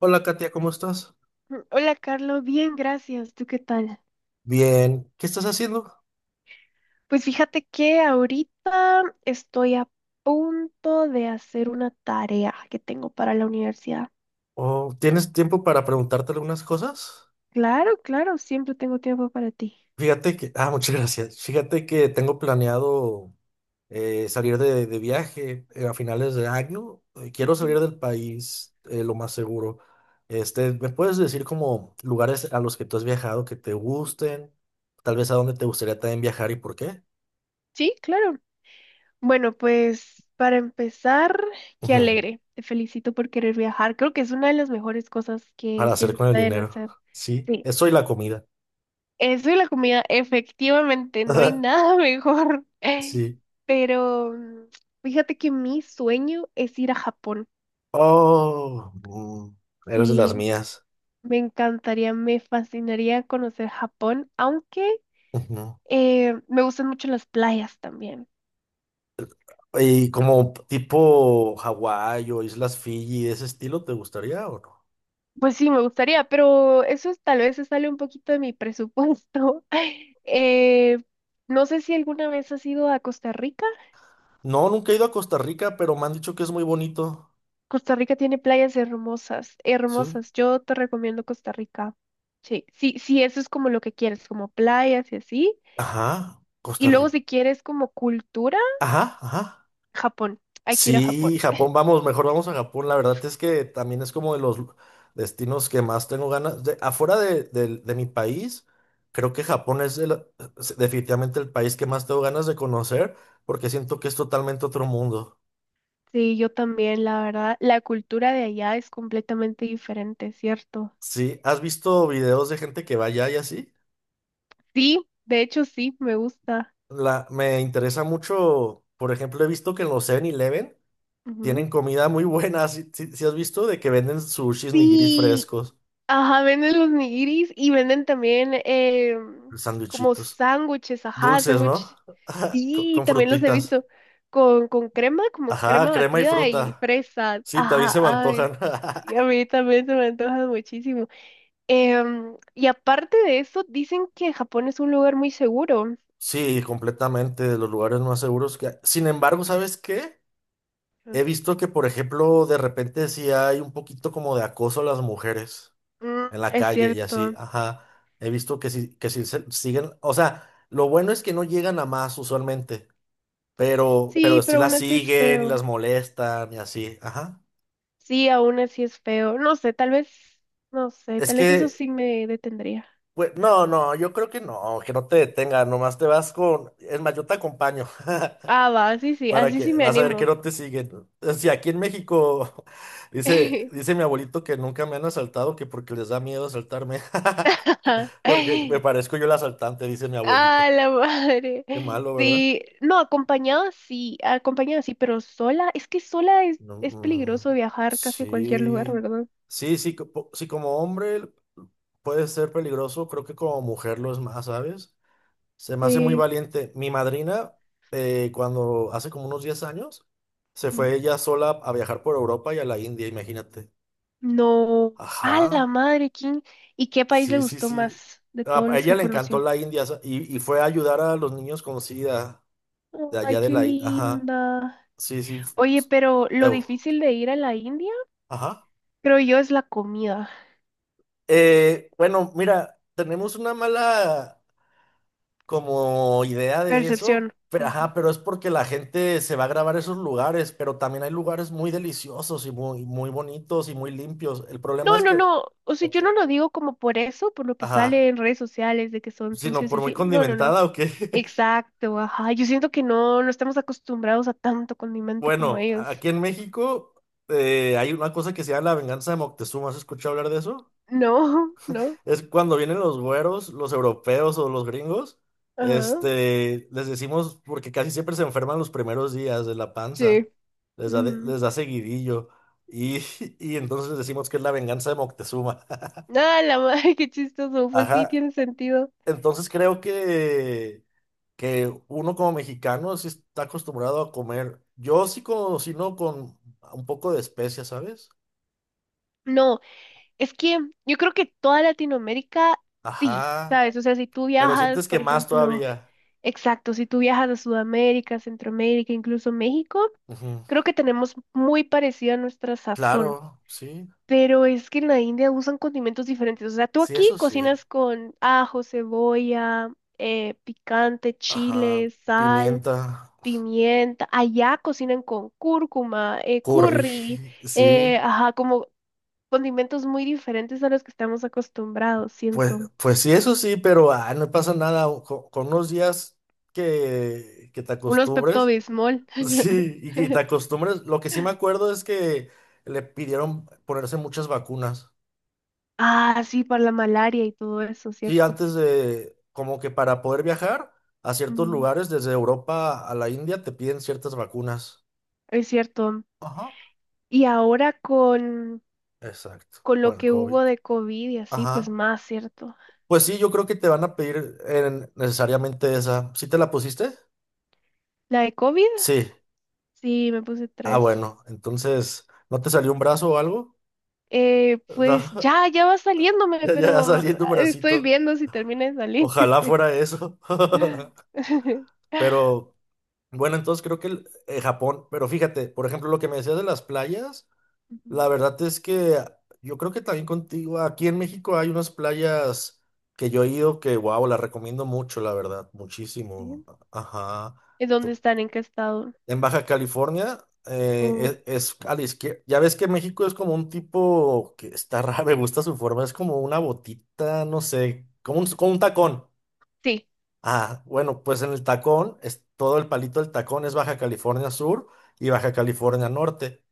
Hola Katia, ¿cómo estás? Hola, Carlos. Bien, gracias. ¿Tú qué tal? Bien, ¿qué estás haciendo? Pues fíjate que ahorita estoy a punto de hacer una tarea que tengo para la universidad. ¿O tienes tiempo para preguntarte algunas cosas? Claro, claro, siempre tengo tiempo para ti. Fíjate que, muchas gracias. Fíjate que tengo planeado salir de viaje a finales de año. Quiero salir Ujú. del país lo más seguro. Este, ¿me puedes decir como lugares a los que tú has viajado que te gusten? Tal vez, ¿a dónde te gustaría también viajar y por qué? Sí, claro. Bueno, pues para empezar, qué Ujú, alegre. Te felicito por querer viajar. Creo que es una de las mejores cosas que, para que hacer se con el pueden dinero. hacer. Sí, Sí. eso y la comida. Eso y la comida, efectivamente, no hay nada mejor. Sí. Pero fíjate que mi sueño es ir a Japón. Oh, eres de las Sí, mías. me encantaría, me fascinaría conocer Japón, aunque Ujú. Me gustan mucho las playas también. Y como tipo Hawái o Islas Fiji, ¿ese estilo te gustaría o no? Pues sí, me gustaría, pero tal vez se sale un poquito de mi presupuesto. Eh, no sé si alguna vez has ido a Costa Rica. No, nunca he ido a Costa Rica, pero me han dicho que es muy bonito. Costa Rica tiene playas hermosas, Sí. hermosas. Yo te recomiendo Costa Rica. Sí, sí, sí, eso es como lo que quieres, como playas y así. Ajá, Y Costa luego Rica. si quieres como cultura, Ajá, ajá. Japón. Hay que ir a Japón. Sí, Japón, vamos, mejor vamos a Japón. La verdad es que también es como de los destinos que más tengo ganas. Afuera de mi país, creo que Japón es es definitivamente el país que más tengo ganas de conocer porque siento que es totalmente otro mundo. Sí, yo también, la verdad, la cultura de allá es completamente diferente, ¿cierto? Sí, ¿has visto videos de gente que va allá y así? Sí, de hecho sí, me gusta. Me interesa mucho, por ejemplo, he visto que en los Seven eleven Ujú. tienen comida muy buena. ¿Si has visto de que venden sushis, nigiris Sí, frescos, ajá, venden los nigiris y venden también como sándwichitos? sándwiches, ajá, Dulces, ¿no? sándwiches. Con, Sí, con también los he frutitas. visto con crema, como Ajá, crema crema y batida y fruta. fresas. Sí, también Ajá, se me ay, antojan. y a mí también se me antoja muchísimo. Y aparte de eso, dicen que Japón es un lugar muy seguro. Sí, completamente de los lugares más seguros que hay. Sin embargo, ¿sabes qué? He visto que, por ejemplo, de repente sí hay un poquito como de acoso a las mujeres Mm, en la es calle y así. cierto. Ajá. He visto que sí siguen. O sea, lo bueno es que no llegan a más usualmente, pero Sí, sí pero aún las así es siguen y las feo. molestan y así. Ajá. Sí, aún así es feo. No sé, tal vez, no sé, Es tal vez eso que, sí me detendría. pues, no, no, yo creo que no te detenga, nomás te vas con, es más, yo te acompaño, Ah, va, para así que, sí me vas a ver que animo. no te siguen. Si aquí en México, dice mi abuelito que nunca me han asaltado, que porque les da miedo asaltarme, porque me parezco yo el asaltante, dice mi Ah, abuelito. la madre. Qué malo, ¿verdad? Sí, no, acompañada sí, pero sola, es que sola es, No, es peligroso viajar casi a cualquier lugar, sí, ¿verdad? sí, sí, sí, como hombre puede ser peligroso, creo que como mujer lo es más, ¿sabes? Se me hace muy Sí. valiente. Mi madrina, cuando hace como unos 10 años, se Mm. fue ella sola a viajar por Europa y a la India, imagínate. No. Ah, la Ajá, madre, ¿quién? ¿Y qué país le sí, sí, gustó sí. más de A todos a los ella que le encantó conoció? la India y fue a ayudar a los niños con SIDA de Ay, allá de qué la India. Ajá, linda. sí, sí. Oye, pero lo Ew, difícil de ir a la India, ajá. creo yo, es la comida. Bueno, mira, tenemos una mala como idea de Percepción. eso, pero, ajá, pero es porque la gente se va a grabar esos lugares, pero también hay lugares muy deliciosos y muy, muy bonitos y muy limpios. El problema No, es no, que, no. O sea, ok, yo no lo digo como por eso, por lo que ajá, sale en redes sociales de que son sino sucios y por muy así. No, no, no. condimentada o qué. Exacto, ajá. Yo siento que no, no estamos acostumbrados a tanto condimento como Bueno, ellos. aquí en México hay una cosa que se llama la venganza de Moctezuma. ¿Has escuchado hablar de eso? No, no. Es cuando vienen los güeros, los europeos o los gringos, Ajá. este, les decimos, porque casi siempre se enferman los primeros días de la Sí. panza, les da, de- Ujú. les da seguidillo, y, y entonces les decimos que es la venganza de Moctezuma. Ah, la madre, qué chistoso. Pues sí, Ajá, tiene sentido. entonces creo que uno como mexicano sí está acostumbrado a comer, yo sí cocino con un poco de especias, ¿sabes? No. Es que yo creo que toda Latinoamérica, sí, Ajá, ¿sabes? O sea, si tú pero viajas, sientes que por más ejemplo, todavía. exacto, si tú viajas a Sudamérica, Centroamérica, incluso México, Ujú, creo que tenemos muy parecida nuestra sazón. claro, sí, Pero es que en la India usan condimentos diferentes. O sea, tú sí, aquí eso sí. cocinas con ajo, cebolla, picante, chile, Ajá, sal, pimienta, pimienta. Allá cocinan con cúrcuma, curry, curry, sí, ajá, como condimentos muy diferentes a los que estamos acostumbrados, pues, siento. pues sí, eso sí, pero no pasa nada o con, unos días que te Unos acostumbres, Pepto-Bismol. sí, y que te acostumbres. Lo que sí me acuerdo es que le pidieron ponerse muchas vacunas, Ah, sí, para la malaria y todo eso, sí, ¿cierto? antes de, como que para poder viajar a ciertos Ujú, lugares, desde Europa a la India, te piden ciertas vacunas. es cierto. Ajá. Y ahora Exacto, con lo con el que COVID. hubo de COVID y así, pues Ajá. más, ¿cierto? Pues sí, yo creo que te van a pedir necesariamente esa. ¿Sí te la pusiste? La de COVID, Sí. sí, me puse Ah, tres. bueno. Entonces, ¿no te salió un brazo o algo? No, Pues ya, ya va saliéndome, ya, ya pero saliendo un estoy bracito. viendo si termina de salir. Ojalá fuera eso. Pero bueno, entonces creo que Japón. Pero fíjate, por ejemplo, lo que me decías de las playas, la Ujú, verdad es que yo creo que también contigo, aquí en México hay unas playas que yo he ido que, wow, las recomiendo mucho, la verdad, muchísimo. bien. Ajá. ¿En dónde están? ¿En qué estado? En Baja California Oh, es a la izquierda. Ya ves que México es como un tipo que está raro, me gusta su forma, es como una botita, no sé, como un tacón. sí. Ah, bueno, pues en el tacón, es, todo el palito del tacón es Baja California Sur y Baja California Norte.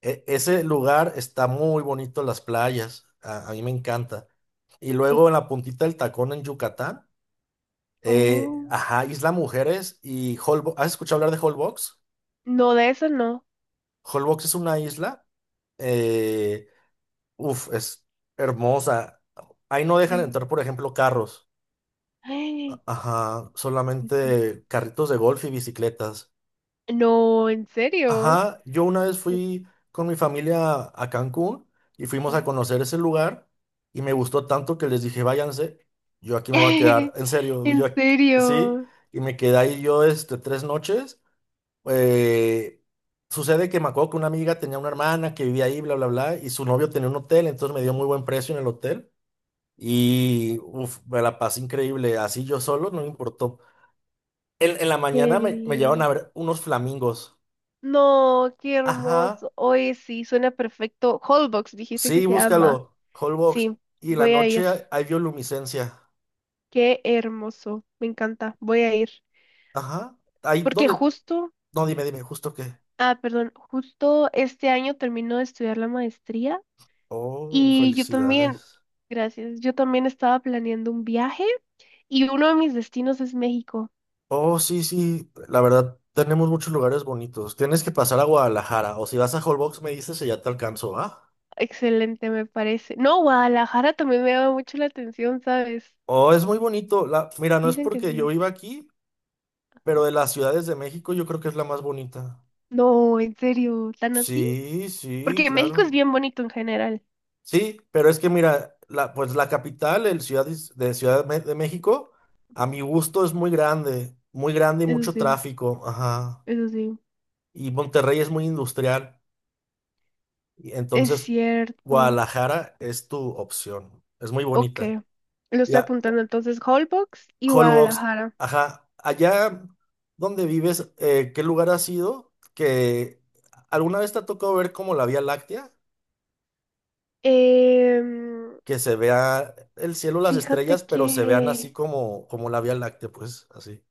Ese lugar está muy bonito, las playas, a mí me encanta. Y Oh, luego en la puntita del tacón en Yucatán, oh. ajá, Isla Mujeres y Holbox. ¿Has escuchado hablar de Holbox? No, de eso no. Holbox es una isla. Eh, Uf, es hermosa. Ahí no dejan De- entrar, por ejemplo, carros. Ay, Ajá, pues, solamente carritos de golf y bicicletas. no, en serio. Ajá, yo una vez fui con mi familia a Cancún y fuimos Ujú. a conocer ese lugar y me gustó tanto que les dije, váyanse, yo aquí me voy a quedar, en serio, En yo sí, serio, y me quedé ahí yo este, 3 noches. Eh, Sucede que me acuerdo que una amiga tenía una hermana que vivía ahí, bla, bla, bla, y su novio tenía un hotel, entonces me dio muy buen precio en el hotel. Y uf, me la pasé increíble. Así yo solo, no me importó. En la mañana me llevaron a Kelly. ver unos flamingos. No, qué Ajá. hermoso. Oye, sí, suena perfecto. Holbox, dijiste que Sí, se llama. búscalo. Holbox. Sí, Y en la voy a ir. noche hay bioluminiscencia. Qué hermoso. Me encanta. Voy a ir. Ajá. Ahí Porque donde. justo, No, dime, dime, justo qué. ah, perdón, justo este año termino de estudiar la maestría Oh, y yo también, felicidades. gracias, yo también estaba planeando un viaje. Y uno de mis destinos es México. Oh, sí, sí. La verdad, tenemos muchos lugares bonitos. Tienes que pasar a Guadalajara. O si vas a Holbox, me dices y ya te alcanzo, ¿ah? Excelente, me parece. No, Guadalajara también me llama mucho la atención, ¿sabes? Oh, es muy bonito. Mira, no es Dicen que porque yo sí. viva aquí. Pero de las ciudades de México yo creo que es la más bonita. No, en serio, tan así. Sí, sí, Porque México es claro. bien bonito en general. Sí, pero es que mira, pues la capital, el ciudad is- de Ciudad Me- de México, a mi gusto es muy grande y Eso mucho sí, tráfico, ajá. eso sí. Y Monterrey es muy industrial, y Es entonces cierto. Guadalajara es tu opción, es muy Ok, bonita. lo estoy Ya, apuntando entonces, Holbox y Holbox, Guadalajara. ajá. Allá donde vives, ¿qué lugar has ido? ¿Que alguna vez te ha tocado ver como la Vía Láctea? Em, Que se vea el cielo, las fíjate estrellas, pero se vean así que como la Vía Láctea, pues, así.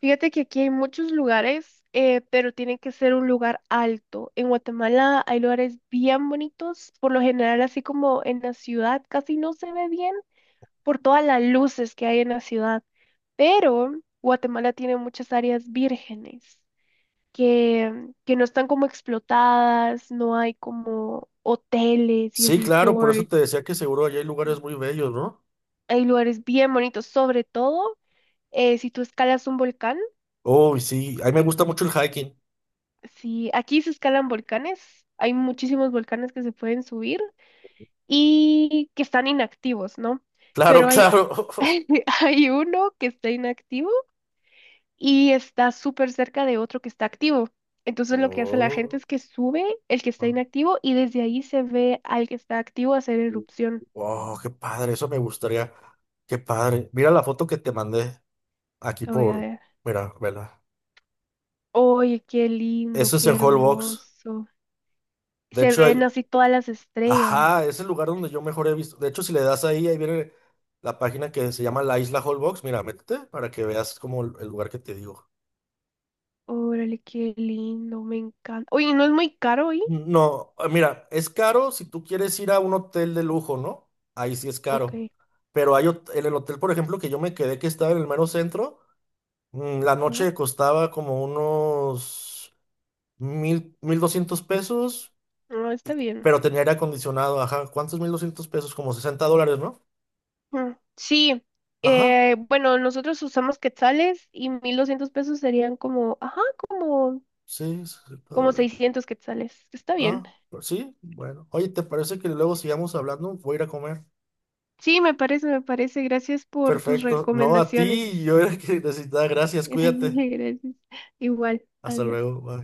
Fíjate que aquí hay muchos lugares, pero tiene que ser un lugar alto. En Guatemala hay lugares bien bonitos, por lo general así como en la ciudad casi no se ve bien por todas las luces que hay en la ciudad, pero Guatemala tiene muchas áreas vírgenes que no están como explotadas, no hay como hoteles y Sí, claro, por eso te resorts, decía que seguro allá hay lugares muy bellos, ¿no? hay lugares bien bonitos, sobre todo si tú escalas un volcán. Uy, sí, a mí me gusta mucho el hiking. Sí, aquí se escalan volcanes, hay muchísimos volcanes que se pueden subir y que están inactivos, ¿no? Claro, Pero hay, claro. hay uno que está inactivo y está súper cerca de otro que está activo. Entonces lo que hace la gente Oh, es que sube el que está ah. inactivo y desde ahí se ve al que está activo hacer erupción. Oh, qué padre, eso me gustaría. Qué padre. Mira la foto que te mandé aquí Lo voy a por, ver. mira, vela. Oye, qué lindo, Eso es qué en Holbox. hermoso. De Se hecho, ven hay, así todas las ajá, estrellas. es el lugar donde yo mejor he visto. De hecho, si le das ahí, ahí viene la página que se llama La Isla Holbox. Mira, métete para que veas como el lugar que te digo. Órale, qué lindo, me encanta. Oye, ¿no es muy caro? No, mira, es caro si tú quieres ir a un hotel de lujo, ¿no? Ahí sí es Ok, caro. Pero en el hotel, por ejemplo, que yo me quedé que estaba en el mero centro, la ajá. noche costaba como unos 1.000, 1.200 pesos, No, está bien. pero tenía aire acondicionado, ajá. ¿Cuántos 1.200 pesos? Como $60, ¿no? Mm, sí, Ajá, bueno, nosotros usamos quetzales y 1,200 pesos serían como, ajá, como, sí, 60 como dólares. 600 quetzales. Está bien. Ah, pues sí, bueno. Oye, ¿te parece que luego sigamos hablando? Voy a ir a comer. Sí, me parece, me parece. Gracias por tus Perfecto. No, a recomendaciones. ti, yo era el que necesitaba. Gracias, cuídate. Gracias. Igual, Hasta adiós. luego. Bye.